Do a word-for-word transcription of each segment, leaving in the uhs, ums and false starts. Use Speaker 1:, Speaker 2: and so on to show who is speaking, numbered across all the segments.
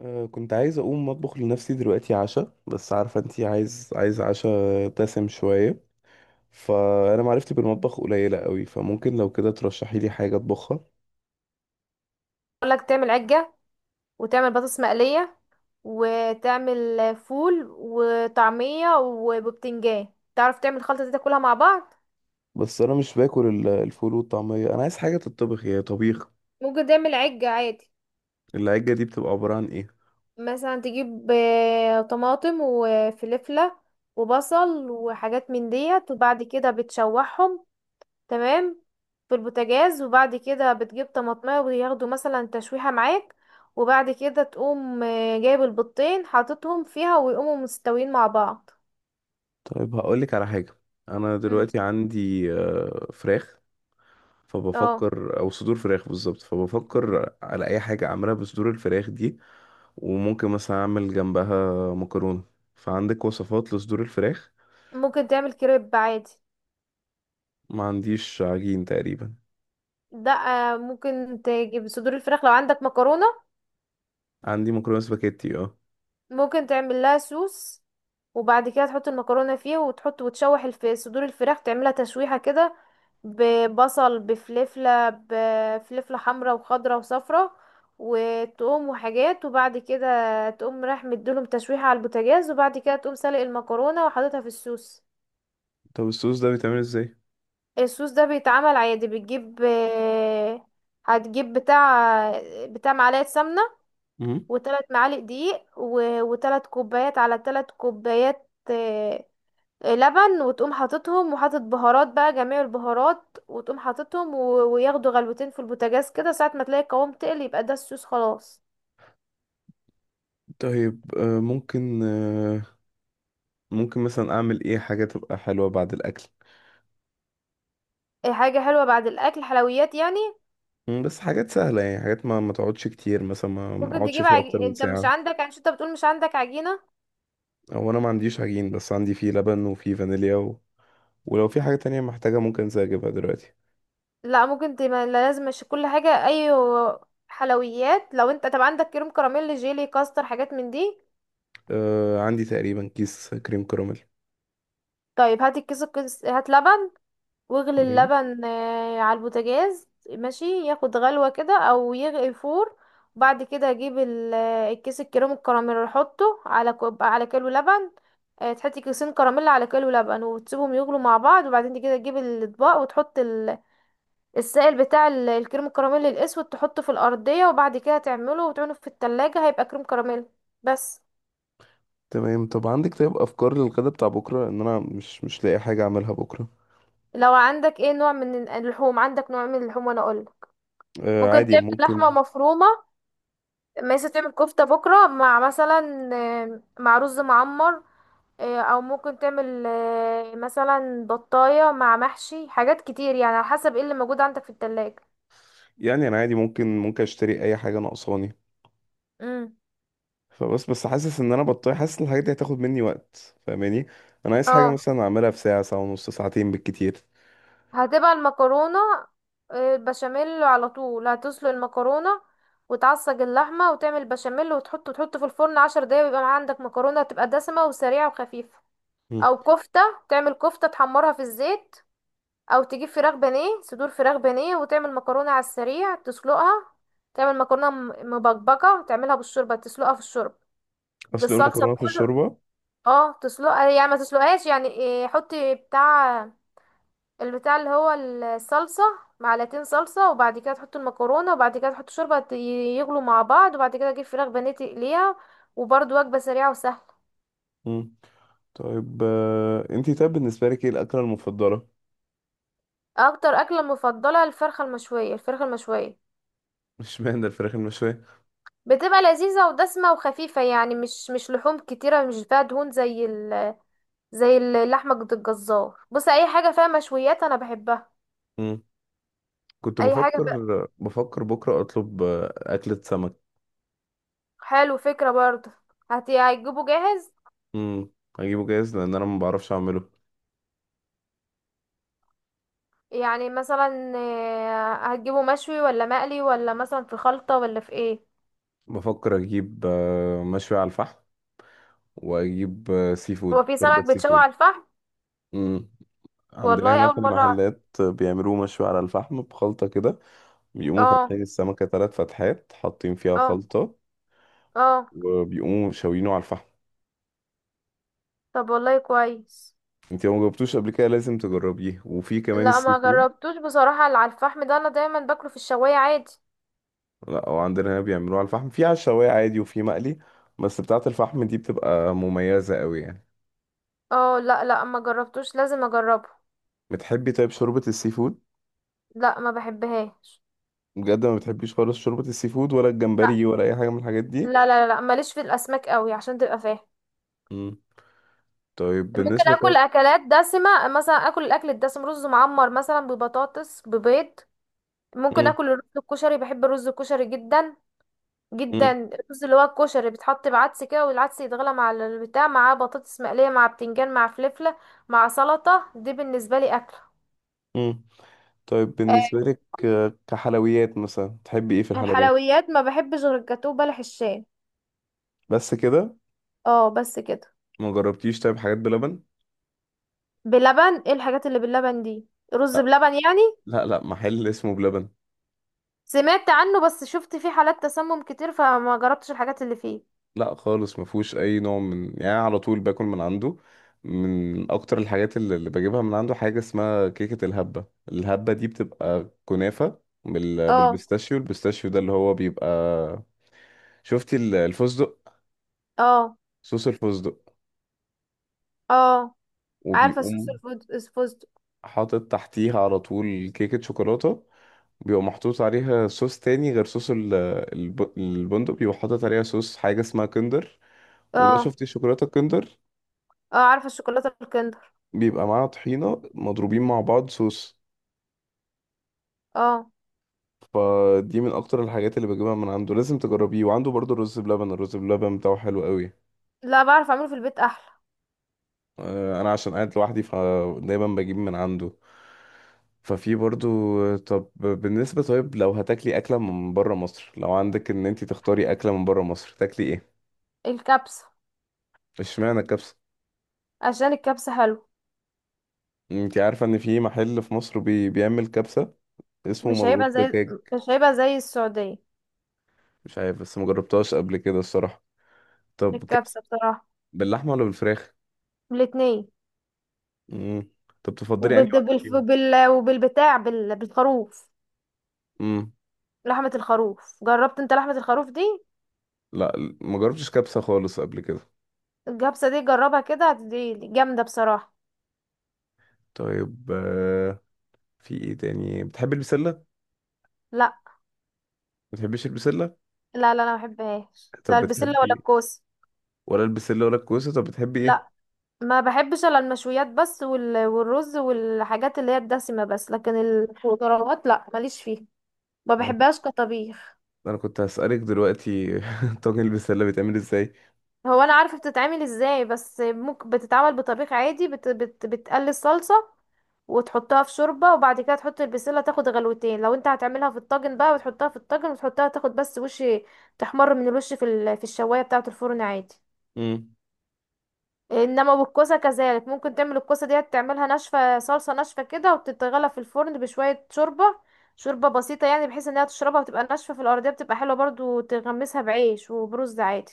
Speaker 1: أه كنت عايز اقوم اطبخ لنفسي دلوقتي عشاء، بس عارفه انتي عايز عايز عشاء دسم شويه. فانا معرفتي بالمطبخ قليله قوي، فممكن لو كده ترشحي لي حاجه اطبخها.
Speaker 2: اقول لك تعمل عجة، وتعمل بطاطس مقلية، وتعمل فول وطعمية وبتنجان. تعرف تعمل الخلطة دي تاكلها مع بعض.
Speaker 1: بس انا مش باكل ال- الفول والطعميه، انا عايز حاجه تتطبخ يا طبيخ.
Speaker 2: ممكن تعمل عجة عادي.
Speaker 1: العجه دي بتبقى عباره عن ايه؟
Speaker 2: مثلا تجيب آه، طماطم وفلفلة وبصل وحاجات من ديت، وبعد كده بتشوحهم، تمام، في البوتاجاز. وبعد كده بتجيب طماطمية وياخدوا مثلا تشويحة معاك. وبعد كده تقوم آه، جايب البيضتين حاططهم فيها ويقوموا مستويين مع بعض.
Speaker 1: طيب هقولك على حاجه. انا
Speaker 2: مم.
Speaker 1: دلوقتي عندي آه، فراخ،
Speaker 2: اه.
Speaker 1: فبفكر، او صدور فراخ بالظبط، فبفكر على اي حاجه اعملها بصدور الفراخ دي. وممكن مثلا اعمل جنبها مكرونه، فعندك وصفات لصدور الفراخ؟
Speaker 2: ممكن تعمل كريب عادي.
Speaker 1: ما عنديش عجين تقريبا.
Speaker 2: ده آه، ممكن تجيب صدور الفراخ لو عندك مكرونة.
Speaker 1: عندي مكرونه سباكيتي، اه.
Speaker 2: ممكن تعمل لها سوس، وبعد كده تحط المكرونة فيه، وتحط وتشوح الف... صدور الفراخ تعملها تشويحة كده، ببصل، بفلفلة، بفلفلة حمرا وخضرا وصفرا، وتقوم وحاجات، وبعد كده تقوم رايح مديلهم تشويحة على البوتاجاز، وبعد كده تقوم سلق المكرونة وحاططها في السوس.
Speaker 1: طب الصوص ده بيتعمل ازاي؟
Speaker 2: الصوص ده بيتعمل عادي. بتجيب آه، هتجيب بتاع بتاع معلقة سمنة،
Speaker 1: مم.
Speaker 2: وتلات معالق دقيق، و- وتلات كوبايات، على تلات كوبايات آه، آه، لبن، وتقوم حاططهم، وحاطط بهارات بقى جميع البهارات، وتقوم حاططهم، و- وياخدوا غلوتين في البوتاجاز كده، ساعة ما تلاقي القوام تقل يبقى ده الصوص خلاص.
Speaker 1: طيب، آه، ممكن، آه، ممكن مثلا اعمل ايه حاجه تبقى حلوه بعد الاكل؟
Speaker 2: آه، حاجة حلوة بعد الأكل، حلويات يعني.
Speaker 1: مم، بس حاجات سهله يعني، حاجات ما ما تقعدش كتير، مثلا ما ما
Speaker 2: ممكن
Speaker 1: اقعدش
Speaker 2: تجيب
Speaker 1: فيها
Speaker 2: عج...
Speaker 1: اكتر من
Speaker 2: انت مش
Speaker 1: ساعه.
Speaker 2: عندك، عشان انت بتقول مش عندك عجينة.
Speaker 1: او انا ما عنديش عجين، بس عندي فيه لبن وفيه فانيليا. ولو في حاجة تانية محتاجة ممكن زي أجيبها دلوقتي.
Speaker 2: لا، ممكن تبقى لازم مش كل حاجة اي حلويات. لو انت طب عندك كريم كراميل، جيلي، كاستر، حاجات من دي.
Speaker 1: آه، عندي تقريبا كيس كريم كراميل.
Speaker 2: طيب هات الكيس، الكيس هات لبن، واغلي
Speaker 1: تمام.
Speaker 2: اللبن آه، على البوتاجاز ماشي، ياخد غلوة كده او يغلي فور. بعد كده اجيب ال- آه، الكيس الكريم الكراميل، احطه على كوب، على كيلو لبن. آه، تحطي كيسين كراميل على كيلو لبن، وتسيبهم يغلوا مع بعض، وبعدين كده تجيب الاطباق وتحط السائل بتاع ال- الكريم الكراميل الاسود، تحطه في الارضيه، وبعد كده تعمله وتعينه في التلاجة، هيبقى كريم كراميل، بس.
Speaker 1: تمام. طب عندك طيب أفكار للغدا بتاع بكرة؟ إن أنا مش مش لاقي حاجة أعملها بكرة.
Speaker 2: لو عندك ايه نوع من ال- اللحوم، عندك نوع من اللحوم وانا اقول.
Speaker 1: آه،
Speaker 2: ممكن
Speaker 1: عادي
Speaker 2: تعمل لحمه
Speaker 1: ممكن.
Speaker 2: مفرومه، مثلا تعمل كفته بكره مع مثلا آه، مع رز معمر. آه، او ممكن تعمل آه، مثلا بطايه مع محشي، حاجات كتير يعني، على حسب ايه اللي موجود عندك في التلاجة.
Speaker 1: يعني أنا عادي، ممكن ممكن أشتري أي حاجة ناقصاني.
Speaker 2: امم.
Speaker 1: فبس بس حاسس إن أنا بطيء، حاسس إن الحاجات دي هتاخد مني وقت، فاهماني. أنا عايز حاجة
Speaker 2: اه.
Speaker 1: مثلا أعملها في ساعة، ساعة ونص، ساعتين بالكتير.
Speaker 2: هتبقى المكرونة آه، البشاميل على طول. هتسلق المكرونة، وتعصج اللحمة، وتعمل بشاميل، وتحطه تحطه في الفرن عشر دقايق، ويبقى معاك عندك مكرونة هتبقى دسمة وسريعة وخفيفة.
Speaker 1: مم.
Speaker 2: أو كفتة، تعمل كفتة تحمرها في الزيت. أو تجيب فراخ بانيه، صدور فراخ بانيه، وتعمل مكرونة على السريع تسلقها. تعمل مكرونة م- مبكبكة، تعملها بالشوربة، تسلقها في الشوربة،
Speaker 1: أصل
Speaker 2: بالصلصة
Speaker 1: المكرونة في
Speaker 2: بكله.
Speaker 1: الشوربة؟
Speaker 2: اه، تسلقها يعني ما تسلقهاش. يعني إيه، حطي بتاع البتاع اللي هو الصلصة، معلقتين صلصة، وبعد كده تحط المكرونة، وبعد كده تحط شوربة، ت- يغلوا مع بعض، وبعد كده اجيب فراخ بانيه تقليها، وبرضه وجبة سريعة وسهلة.
Speaker 1: مم. طيب، آه أنتي، طيب بالنسبة لك إيه الأكلة المفضلة؟
Speaker 2: اكتر اكلة مفضلة الفرخة المشوية، الفرخة المشوية
Speaker 1: مش معنى الفراخ المشوية.
Speaker 2: بتبقى لذيذة ودسمة وخفيفة، يعني مش مش لحوم كتيرة، مش فيها دهون زي ال زي اللحمة عند الجزار. بص، اي حاجة فيها مشويات انا بحبها،
Speaker 1: كنت
Speaker 2: اي حاجة
Speaker 1: بفكر
Speaker 2: فيها.
Speaker 1: بفكر بكرة أطلب آه، أكلة سمك.
Speaker 2: حلو، فكرة برضه. هت- هتجيبه جاهز؟
Speaker 1: مم. أجيبه جاهز لأن أنا ما بعرفش أعمله.
Speaker 2: يعني مثلا آه، هتجيبه مشوي ولا مقلي ولا مثلا في خلطة ولا في ايه؟
Speaker 1: بفكر أجيب آه، مشوي على الفحم، وأجيب آه، سي فود،
Speaker 2: هو في
Speaker 1: شوربة
Speaker 2: سمك
Speaker 1: سي
Speaker 2: بيتشوي
Speaker 1: فود.
Speaker 2: على الفحم؟
Speaker 1: مم. عندنا
Speaker 2: والله
Speaker 1: هنا
Speaker 2: اول
Speaker 1: في
Speaker 2: مرة أعرف.
Speaker 1: المحلات بيعملوه مشوي على الفحم بخلطة كده. بيقوموا
Speaker 2: اه.
Speaker 1: فاتحين السمكة تلات فتحات، حاطين فيها
Speaker 2: اه.
Speaker 1: خلطة،
Speaker 2: اه.
Speaker 1: وبيقوموا شاويينه على الفحم.
Speaker 2: طب والله كويس.
Speaker 1: انت لو مجربتوش قبل كده لازم تجربيه، وفي كمان
Speaker 2: لا،
Speaker 1: السي
Speaker 2: ما
Speaker 1: فود.
Speaker 2: جربتوش بصراحة، اللي على الفحم ده انا دايما باكله في الشواية عادي.
Speaker 1: لا، هو عندنا هنا بيعملوها على الفحم، في على الشوايه عادي وفي مقلي. بس بتاعة الفحم دي بتبقى مميزة قوي يعني.
Speaker 2: اه، لا، لا، ما جربتوش، لازم اجربه.
Speaker 1: بتحبي طيب شوربة السي فود؟
Speaker 2: لا، ما بحبهاش.
Speaker 1: بجد ما بتحبيش خالص شوربة السي فود ولا
Speaker 2: لا،
Speaker 1: الجمبري ولا أي حاجة من الحاجات دي؟
Speaker 2: لا، لا، لا ماليش في الاسماك قوي عشان تبقى فاهم.
Speaker 1: مم. طيب
Speaker 2: ممكن
Speaker 1: بالنسبة.
Speaker 2: اكل
Speaker 1: طيب.
Speaker 2: اكلات دسمة، مثلا اكل الاكل الدسم رز معمر مثلا ببطاطس ببيض. ممكن
Speaker 1: مم.
Speaker 2: اكل الرز الكشري، بحب الرز الكشري جدا جدا.
Speaker 1: مم.
Speaker 2: الرز اللي هو الكشري بيتحط بعدس كده، والعدس يتغلى مع البتاع، مع بطاطس مقليه، مع بتنجان، مع فلفله، مع سلطه. دي بالنسبه لي اكل.
Speaker 1: مم. طيب
Speaker 2: آه،
Speaker 1: بالنسبة لك آه، كحلويات مثلا، تحبي ايه في الحلويات؟
Speaker 2: الحلويات ما بحبش غير الجاتوه بلح الشاي.
Speaker 1: بس كده؟
Speaker 2: اه، بس كده.
Speaker 1: ما جربتيش طيب حاجات بلبن؟
Speaker 2: بلبن؟ ايه الحاجات اللي باللبن دي؟ رز
Speaker 1: لا،
Speaker 2: بلبن يعني؟
Speaker 1: لا، لا، محل اسمه بلبن.
Speaker 2: سمعت عنه، بس شفت فيه حالات تسمم كتير، فما جربتش الحاجات اللي فيه.
Speaker 1: لا خالص، ما فيهوش اي نوع من يعني، أنا على طول باكل من عنده. من اكتر الحاجات اللي اللي بجيبها من عنده حاجه اسمها كيكه الهبه. الهبه دي بتبقى كنافه، بال...
Speaker 2: اه.
Speaker 1: بالبيستاشيو. البيستاشيو ده اللي هو بيبقى، شفتي ال- الفستق،
Speaker 2: اه.
Speaker 1: صوص الفستق.
Speaker 2: اه. عارفه الصوص
Speaker 1: وبيقوم
Speaker 2: الفوز الفستق.
Speaker 1: حاطط تحتيها على طول كيكه شوكولاته. بيبقى محطوط عليها صوص تاني غير صوص ال- الب... البندق. بيبقى حاطط عليها صوص حاجه اسمها كندر. وده
Speaker 2: اه.
Speaker 1: شفتي شوكولاته كندر.
Speaker 2: اه، عارفه الشوكولاته الكندر.
Speaker 1: بيبقى معاها طحينة مضروبين مع بعض صوص.
Speaker 2: اه.
Speaker 1: فدي من اكتر الحاجات اللي بجيبها من عنده، لازم تجربيه. وعنده برضو الرز بلبن. الرز بلبن بتاعه حلو قوي.
Speaker 2: لا، بعرف اعمله في البيت احلى.
Speaker 1: آه، انا عشان قاعد لوحدي فدايما بجيب من عنده. ففي برضو. طب بالنسبة طيب، لو هتاكلي أكلة من برا مصر، لو عندك إن أنتي تختاري أكلة من برا مصر، تاكلي إيه؟
Speaker 2: الكبسة.
Speaker 1: اشمعنى الكبسة؟
Speaker 2: عشان الكبسة حلو.
Speaker 1: أنتي عارفة إن في محل في مصر بي... بيعمل كبسة، اسمه
Speaker 2: مش
Speaker 1: مضغوط
Speaker 2: هيبقى زي
Speaker 1: دجاج.
Speaker 2: مش هيبقى زي السعودية.
Speaker 1: مش عارف بس مجربتهاش قبل كده الصراحة. طب كبسة
Speaker 2: الكبسة بصراحة.
Speaker 1: باللحمة ولا بالفراخ؟
Speaker 2: الاتنين.
Speaker 1: امم. طب تفضلي انهي
Speaker 2: وبال...
Speaker 1: واحده
Speaker 2: بال...
Speaker 1: فيهم؟
Speaker 2: بال... وبالبتاع بال... بالخروف.
Speaker 1: امم.
Speaker 2: لحمة الخروف، جربت انت لحمة الخروف دي؟
Speaker 1: لا، ما جربتش كبسه خالص قبل كده.
Speaker 2: الكبسة دي جربها كده، دي دي جامدة بصراحة.
Speaker 1: طيب، آه، في ايه تاني بتحبي؟ البسله، ما
Speaker 2: لا،
Speaker 1: بتحبيش البسله؟
Speaker 2: لا، لا، انا ما بحبهاش، لا
Speaker 1: طب
Speaker 2: البسلة ولا
Speaker 1: بتحبي،
Speaker 2: الكوسة.
Speaker 1: ولا البسله ولا الكوسه، طب بتحبي ايه؟
Speaker 2: لا، ما بحبش الا المشويات بس، وال... والرز والحاجات اللي هي الدسمة بس، لكن الخضروات لا ماليش فيها، ما
Speaker 1: انا كنت
Speaker 2: بحبهاش كطبيخ.
Speaker 1: أنا كنت هسألك دلوقتي طاجن البسله بيتعمل ازاي؟
Speaker 2: هو انا عارفه بتتعمل ازاي، بس ممكن بتتعمل بطبيخ عادي، بت بت بتقلي الصلصه، وتحطها في شوربه، وبعد كده تحط البسله تاخد غلوتين. لو انت هتعملها في الطاجن بقى، وتحطها في الطاجن، وتحطها تاخد بس وش تحمر من الوش في ال... في الشوايه بتاعه الفرن عادي.
Speaker 1: امم.
Speaker 2: انما بالكوسه كذلك، ممكن تعمل الكوسه ديت تعملها ناشفه، صلصه ناشفه كده، وتتغلى في الفرن بشويه شوربه، شوربه بسيطه يعني، بحيث انها تشربها وتبقى ناشفه في الارضيه، بتبقى حلوه برضو، تغمسها بعيش وبرز عادي.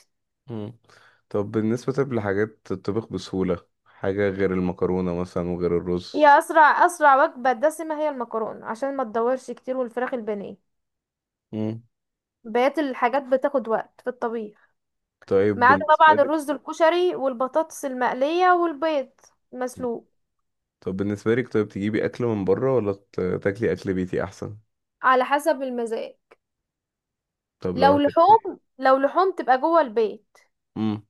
Speaker 1: امم. طب بالنسبه طب لحاجات تطبخ بسهوله حاجه غير المكرونه مثلا وغير
Speaker 2: هي
Speaker 1: الرز؟
Speaker 2: اسرع اسرع وجبه دسمه هي المكرونه عشان ما تدورش كتير، والفراخ البانيه.
Speaker 1: امم.
Speaker 2: بقيت الحاجات بتاخد وقت في الطبيخ،
Speaker 1: طيب
Speaker 2: ما عدا طبعا
Speaker 1: بالنسبه لك
Speaker 2: الرز الكشري والبطاطس المقليه والبيض مسلوق.
Speaker 1: طب بالنسبه لك طيب، تجيبي اكل من بره ولا ت- تاكلي اكل بيتي احسن؟
Speaker 2: على حسب المزاج.
Speaker 1: طب لو
Speaker 2: لو
Speaker 1: هتاكلي.
Speaker 2: لحوم لو لحوم تبقى جوه البيت.
Speaker 1: امم.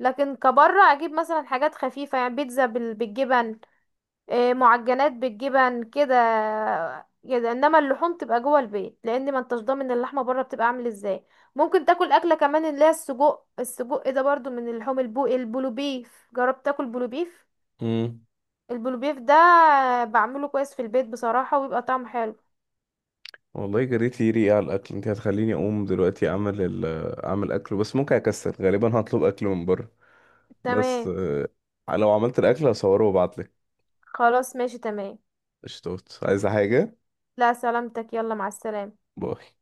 Speaker 2: لكن كبره اجيب مثلا حاجات خفيفه يعني، بيتزا بال- بالجبن، إيه، معجنات بالجبن كده كده. انما اللحوم تبقى جوه البيت، لان ما انتش ضامن اللحمه بره بتبقى عامل ازاي. ممكن تاكل اكله كمان اللي هي السجق، السجق ده برضو من اللحوم، البو البلوبيف. جربت تاكل بلوبيف؟
Speaker 1: امم.
Speaker 2: البلوبيف ده بعمله كويس في البيت بصراحه، وبيبقى طعمه حلو.
Speaker 1: والله جريت لي ريقي على الاكل، انت هتخليني اقوم دلوقتي اعمل ال... اعمل اكل. بس ممكن اكسل، غالبا هطلب اكل من بره. بس،
Speaker 2: تمام.
Speaker 1: آه، لو عملت الاكل هصوره وابعتلك.
Speaker 2: خلاص، ماشي، تمام.
Speaker 1: قشطات عايزه حاجه؟
Speaker 2: لا سلامتك، يلا مع السلامه.
Speaker 1: باي.